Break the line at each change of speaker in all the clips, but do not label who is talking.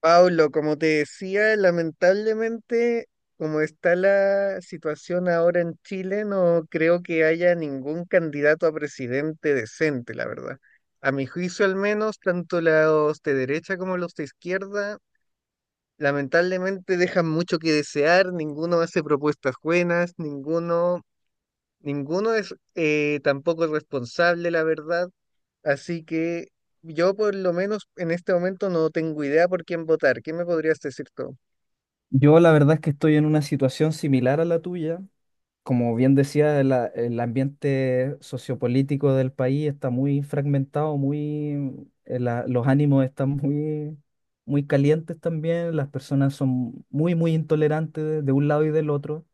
Pablo, como te decía, lamentablemente, como está la situación ahora en Chile, no creo que haya ningún candidato a presidente decente, la verdad. A mi juicio, al menos, tanto los de derecha como los de izquierda, lamentablemente dejan mucho que desear, ninguno hace propuestas buenas, ninguno, ninguno es tampoco responsable, la verdad. Así que yo, por lo menos, en este momento no tengo idea por quién votar. ¿Qué me podrías decir tú?
Yo la verdad es que estoy en una situación similar a la tuya. Como bien decía, el ambiente sociopolítico del país está muy fragmentado, muy, los ánimos están muy, muy calientes también, las personas son muy, muy intolerantes de un lado y del otro.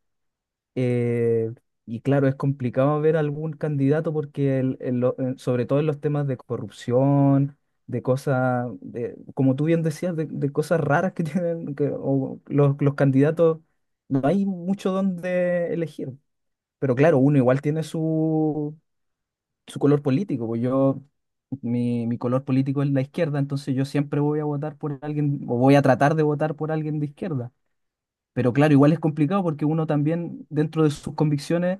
Eh, y claro, es complicado ver algún candidato porque sobre todo en los temas de corrupción, como tú bien decías, de cosas raras que tienen que, o los candidatos, no hay mucho donde elegir. Pero claro, uno igual tiene su color político. Pues yo, mi color político es la izquierda, entonces yo siempre voy a votar por alguien, o voy a tratar de votar por alguien de izquierda. Pero claro, igual es complicado porque uno también dentro de sus convicciones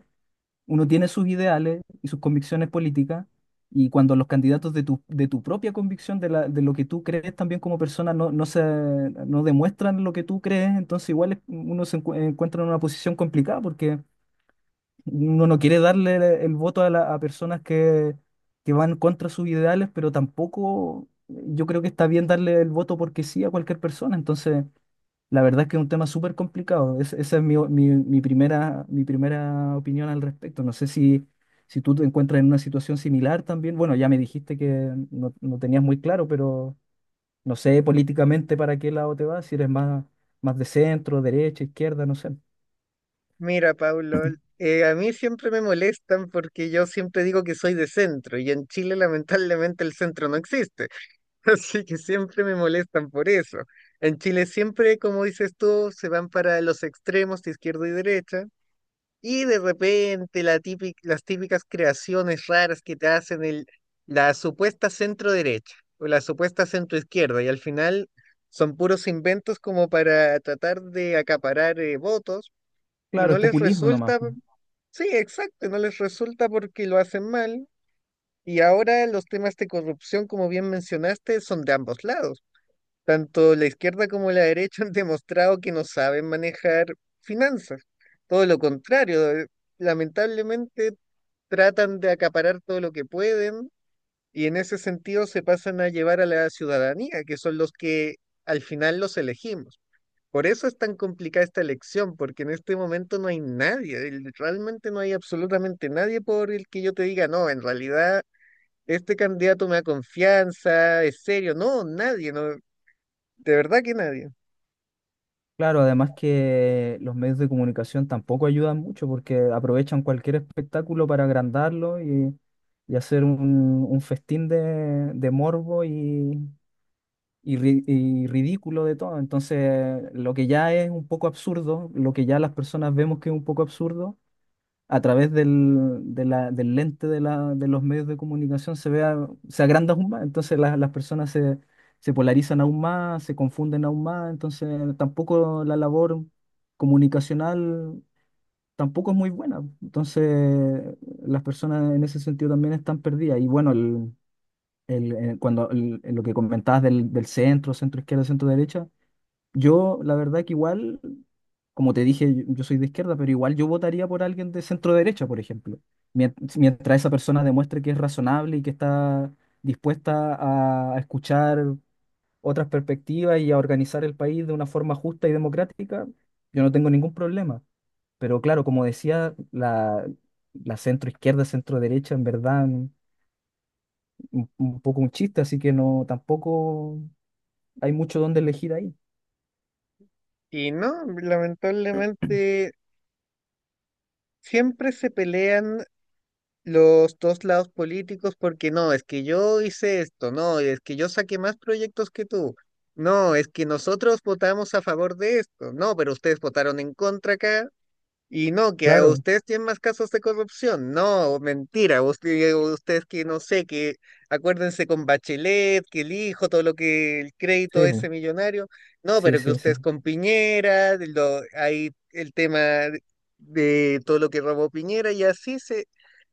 uno tiene sus ideales y sus convicciones políticas, y cuando los candidatos de tu propia convicción, de lo que tú crees también como persona, no, no demuestran lo que tú crees, entonces uno se encuentra en una posición complicada porque uno no quiere darle el voto a, a personas que van contra sus ideales, pero tampoco yo creo que está bien darle el voto porque sí a cualquier persona, entonces... La verdad es que es un tema súper complicado. Esa es mi, o- mi- mi primera opinión al respecto. No sé si, si tú te encuentras en una situación similar también. Bueno, ya me dijiste que no, no tenías muy claro, pero no sé políticamente para qué lado te vas, si eres más, más de centro, derecha, izquierda, no sé.
Mira, Paulo, a mí siempre me molestan porque yo siempre digo que soy de centro y en Chile lamentablemente el centro no existe, así que siempre me molestan por eso. En Chile siempre, como dices tú, se van para los extremos de izquierda y derecha y de repente la las típicas creaciones raras que te hacen el, la supuesta centro derecha o la supuesta centro izquierda y al final son puros inventos como para tratar de acaparar votos y
Claro,
no
es
les
populismo nomás,
resulta.
po.
Sí, exacto, no les resulta porque lo hacen mal. Y ahora los temas de corrupción, como bien mencionaste, son de ambos lados. Tanto la izquierda como la derecha han demostrado que no saben manejar finanzas. Todo lo contrario, lamentablemente tratan de acaparar todo lo que pueden y en ese sentido se pasan a llevar a la ciudadanía, que son los que al final los elegimos. Por eso es tan complicada esta elección, porque en este momento no hay nadie, realmente no hay absolutamente nadie por el que yo te diga, no, en realidad este candidato me da confianza, es serio, no, nadie, no, de verdad que nadie.
Claro, además que los medios de comunicación tampoco ayudan mucho porque aprovechan cualquier espectáculo para agrandarlo y hacer un festín de morbo y, y ridículo de todo. Entonces, lo que ya es un poco absurdo, lo que ya las personas vemos que es un poco absurdo, a través del lente de los medios de comunicación se agranda aún más. Entonces, las personas se, se polarizan aún más, se confunden aún más. Entonces, tampoco la labor comunicacional tampoco es muy buena. Entonces, las personas en ese sentido también están perdidas. Y bueno, lo que comentabas del centro, centro izquierda, centro derecha, yo la verdad que igual, como te dije, yo soy de izquierda, pero igual yo votaría por alguien de centro derecha, por ejemplo, mientras, esa persona demuestre que es razonable y que está dispuesta a escuchar otras perspectivas y a organizar el país de una forma justa y democrática, yo no tengo ningún problema. Pero claro, como decía, la centro izquierda, centro derecha, en verdad, un poco un chiste, así que no, tampoco hay mucho donde elegir ahí.
Y no, lamentablemente siempre se pelean los dos lados políticos porque no, es que yo hice esto, no, es que yo saqué más proyectos que tú. No, es que nosotros votamos a favor de esto. No, pero ustedes votaron en contra acá. Y no, que a
Claro,
ustedes tienen más casos de corrupción. No, mentira. Ustedes que no sé, que acuérdense con Bachelet, que el hijo, todo lo que el crédito
sí, po.
ese millonario. No,
Sí,
pero que
sí, sí.
ustedes con Piñera, de lo, hay el tema de todo lo que robó Piñera y así se,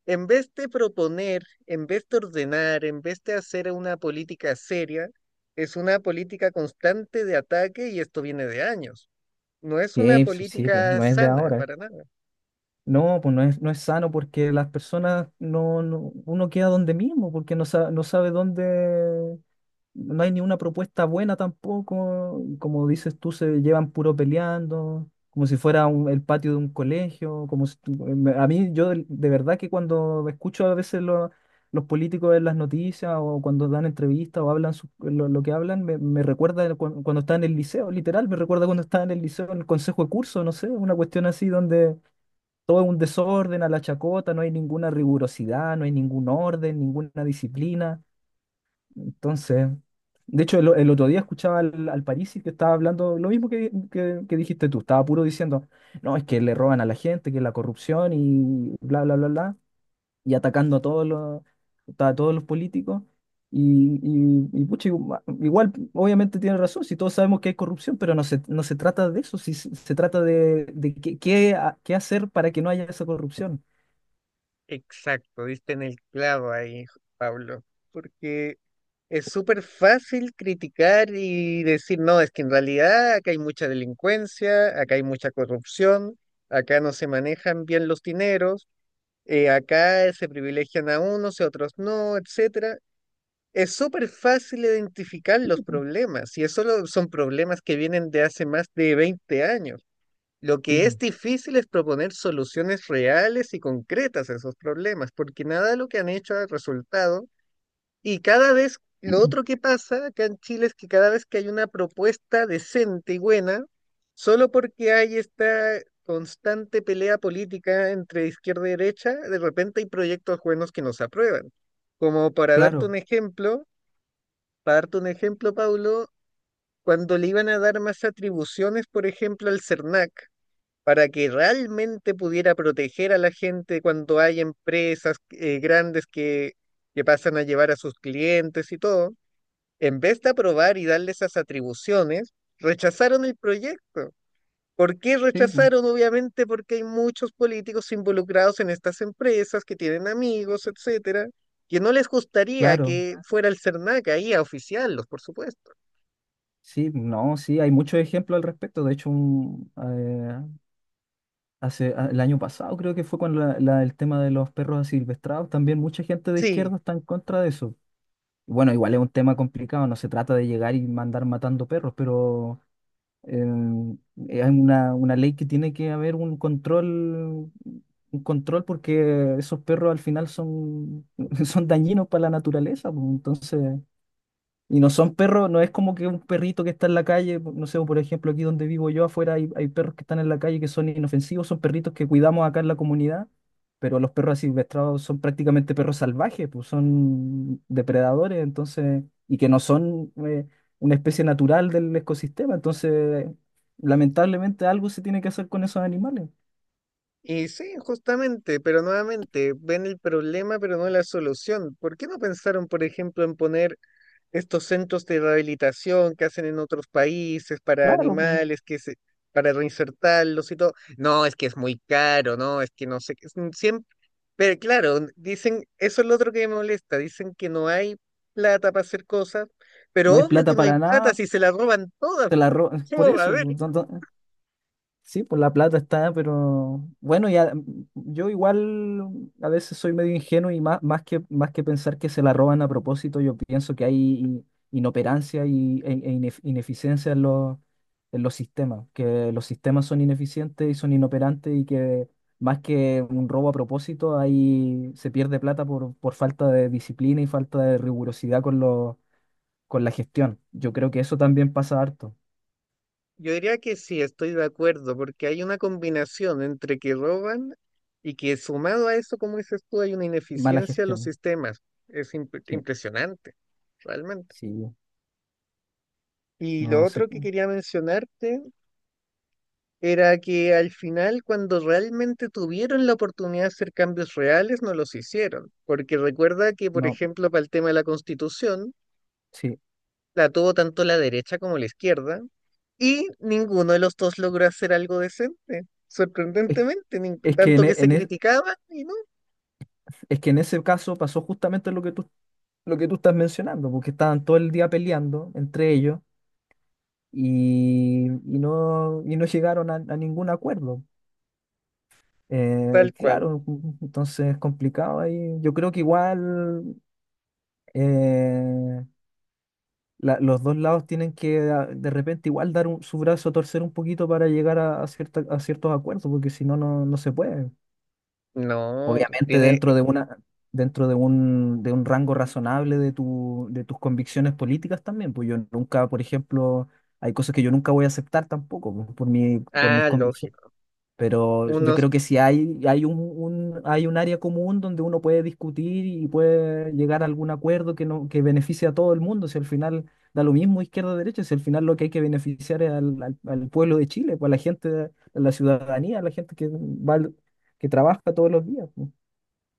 en vez de proponer, en vez de ordenar, en vez de hacer una política seria, es una política constante de ataque y esto viene de años. No es una
Sí, pues, sí, po,
política
no es de
sana
ahora.
para nada.
No, pues no es, no es sano porque las personas no, uno queda donde mismo, porque no sabe, no sabe dónde. No hay ni una propuesta buena tampoco. Y como dices tú, se llevan puro peleando, como si fuera el patio de un colegio. Como si a mí, yo de verdad que cuando escucho a veces los políticos en las noticias o cuando dan entrevistas o hablan lo que hablan, me recuerda de cuando estaba en el liceo, literal, me recuerda cuando estaba en el liceo, en el consejo de curso, no sé, una cuestión así donde todo es un desorden a la chacota, no hay ninguna rigurosidad, no hay ningún orden, ninguna disciplina. Entonces, de hecho, el otro día escuchaba al Parisi que estaba hablando lo mismo que dijiste tú, estaba puro diciendo, no, es que le roban a la gente, que la corrupción y bla, bla, bla, bla, y atacando a todos a todos los políticos. Pucha, igual, obviamente tiene razón, si todos sabemos que hay corrupción, pero no se trata de eso, si se, se trata de, qué hacer para que no haya esa corrupción.
Exacto, diste en el clavo ahí, Pablo, porque es súper fácil criticar y decir, no, es que en realidad acá hay mucha delincuencia, acá hay mucha corrupción, acá no se manejan bien los dineros, acá se privilegian a unos y a otros no, etcétera. Es súper fácil identificar los problemas y eso son problemas que vienen de hace más de 20 años. Lo
Sí,
que es
po.
difícil es proponer soluciones reales y concretas a esos problemas, porque nada de lo que han hecho ha resultado. Y cada vez, lo otro que pasa acá en Chile es que cada vez que hay una propuesta decente y buena, solo porque hay esta constante pelea política entre izquierda y derecha, de repente hay proyectos buenos que no se aprueban. Como para darte
Claro,
un ejemplo, para darte un ejemplo, Paulo, cuando le iban a dar más atribuciones, por ejemplo, al CERNAC, para que realmente pudiera proteger a la gente cuando hay empresas grandes que pasan a llevar a sus clientes y todo, en vez de aprobar y darle esas atribuciones, rechazaron el proyecto. ¿Por qué
sí, po,
rechazaron? Obviamente porque hay muchos políticos involucrados en estas empresas que tienen amigos, etcétera, que no les gustaría
claro.
que fuera el CERNAC ahí a oficiarlos, por supuesto.
Sí, no, sí, hay muchos ejemplos al respecto. De hecho, un, el año pasado creo que fue con el tema de los perros asilvestrados. También mucha gente de
Sí,
izquierda está en contra de eso. Bueno, igual es un tema complicado, no se trata de llegar y mandar matando perros, pero em, hay una ley que tiene que haber un control porque esos perros al final son, son dañinos para la naturaleza, pues. Entonces. Y no son perros, no es como que un perrito que está en la calle, no sé, por ejemplo, aquí donde vivo yo afuera hay, hay perros que están en la calle que son inofensivos, son perritos que cuidamos acá en la comunidad, pero los perros asilvestrados son prácticamente perros salvajes, pues son depredadores, entonces, y que no son una especie natural del ecosistema, entonces, lamentablemente algo se tiene que hacer con esos animales.
y sí, justamente, pero nuevamente ven el problema, pero no la solución. ¿Por qué no pensaron, por ejemplo, en poner estos centros de rehabilitación que hacen en otros países para
Claro, pues,
animales, que se, para reinsertarlos y todo? No, es que es muy caro, no, es que no sé, qué, siempre, pero claro, dicen, eso es lo otro que me molesta, dicen que no hay plata para hacer cosas, pero
no hay
obvio que
plata
no hay
para
plata
nada,
si se la roban todas.
por
¿Cómo va a
eso,
haber?
pues, tanto- Sí, pues la plata está, pero bueno, ya yo igual a veces soy medio ingenuo y más, más que pensar que se la roban a propósito, yo pienso que hay inoperancia ineficiencia en en los sistemas, que los sistemas son ineficientes y son inoperantes y que más que un robo a propósito, ahí se pierde plata por falta de disciplina y falta de rigurosidad con con la gestión. Yo creo que eso también pasa harto,
Yo diría que sí, estoy de acuerdo, porque hay una combinación entre que roban y que sumado a eso, como dices tú, hay una
mala
ineficiencia en los
gestión.
sistemas. Es
Sí,
impresionante, realmente.
sí,
Y
no,
lo
no sé.
otro que quería mencionarte era que al final, cuando realmente tuvieron la oportunidad de hacer cambios reales, no los hicieron. Porque recuerda que, por
No,
ejemplo, para el tema de la Constitución,
sí.
la tuvo tanto la derecha como la izquierda y ninguno de los dos logró hacer algo decente.
Es,
Sorprendentemente,
es que en,
tanto que
e-
se
en es,
criticaba y no,
es que en ese caso pasó justamente lo que tú estás mencionando, porque estaban todo el día peleando entre ellos y no llegaron a ningún acuerdo.
tal cual.
Claro, entonces es complicado ahí. Yo creo que igual eh, los dos lados tienen que de repente igual dar su brazo a torcer un poquito para llegar a a ciertos acuerdos, porque si no, no, no se puede.
No, pues
Obviamente
tiene...
dentro de una, dentro de de un rango razonable de tus convicciones políticas también, pues yo nunca, por ejemplo, hay cosas que yo nunca voy a aceptar tampoco, pues, por mis
ah,
convicciones.
lógico.
Pero yo
Unos...
creo que si hay hay un área común donde uno puede discutir y puede llegar a algún acuerdo que no, que beneficie a todo el mundo, si al final da lo mismo izquierda o derecha, si al final lo que hay que beneficiar es al pueblo de Chile, pues a la gente, a la ciudadanía, a la gente que va, que trabaja todos los días, pues.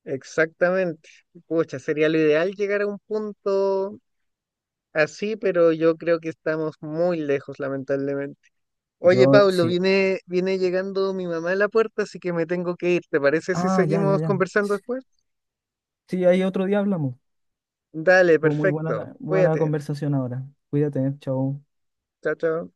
exactamente. Pucha, sería lo ideal llegar a un punto así, pero yo creo que estamos muy lejos, lamentablemente. Oye,
Yo,
Pablo,
sí.
viene, viene llegando mi mamá a la puerta, así que me tengo que ir. ¿Te parece si
Ah, ya, ya,
seguimos
ya.
conversando después?
Sí, ahí otro día hablamos.
Dale,
Fue muy buena
perfecto.
buena la
Cuídate.
conversación ahora. Cuídate, chao.
Chao, chao.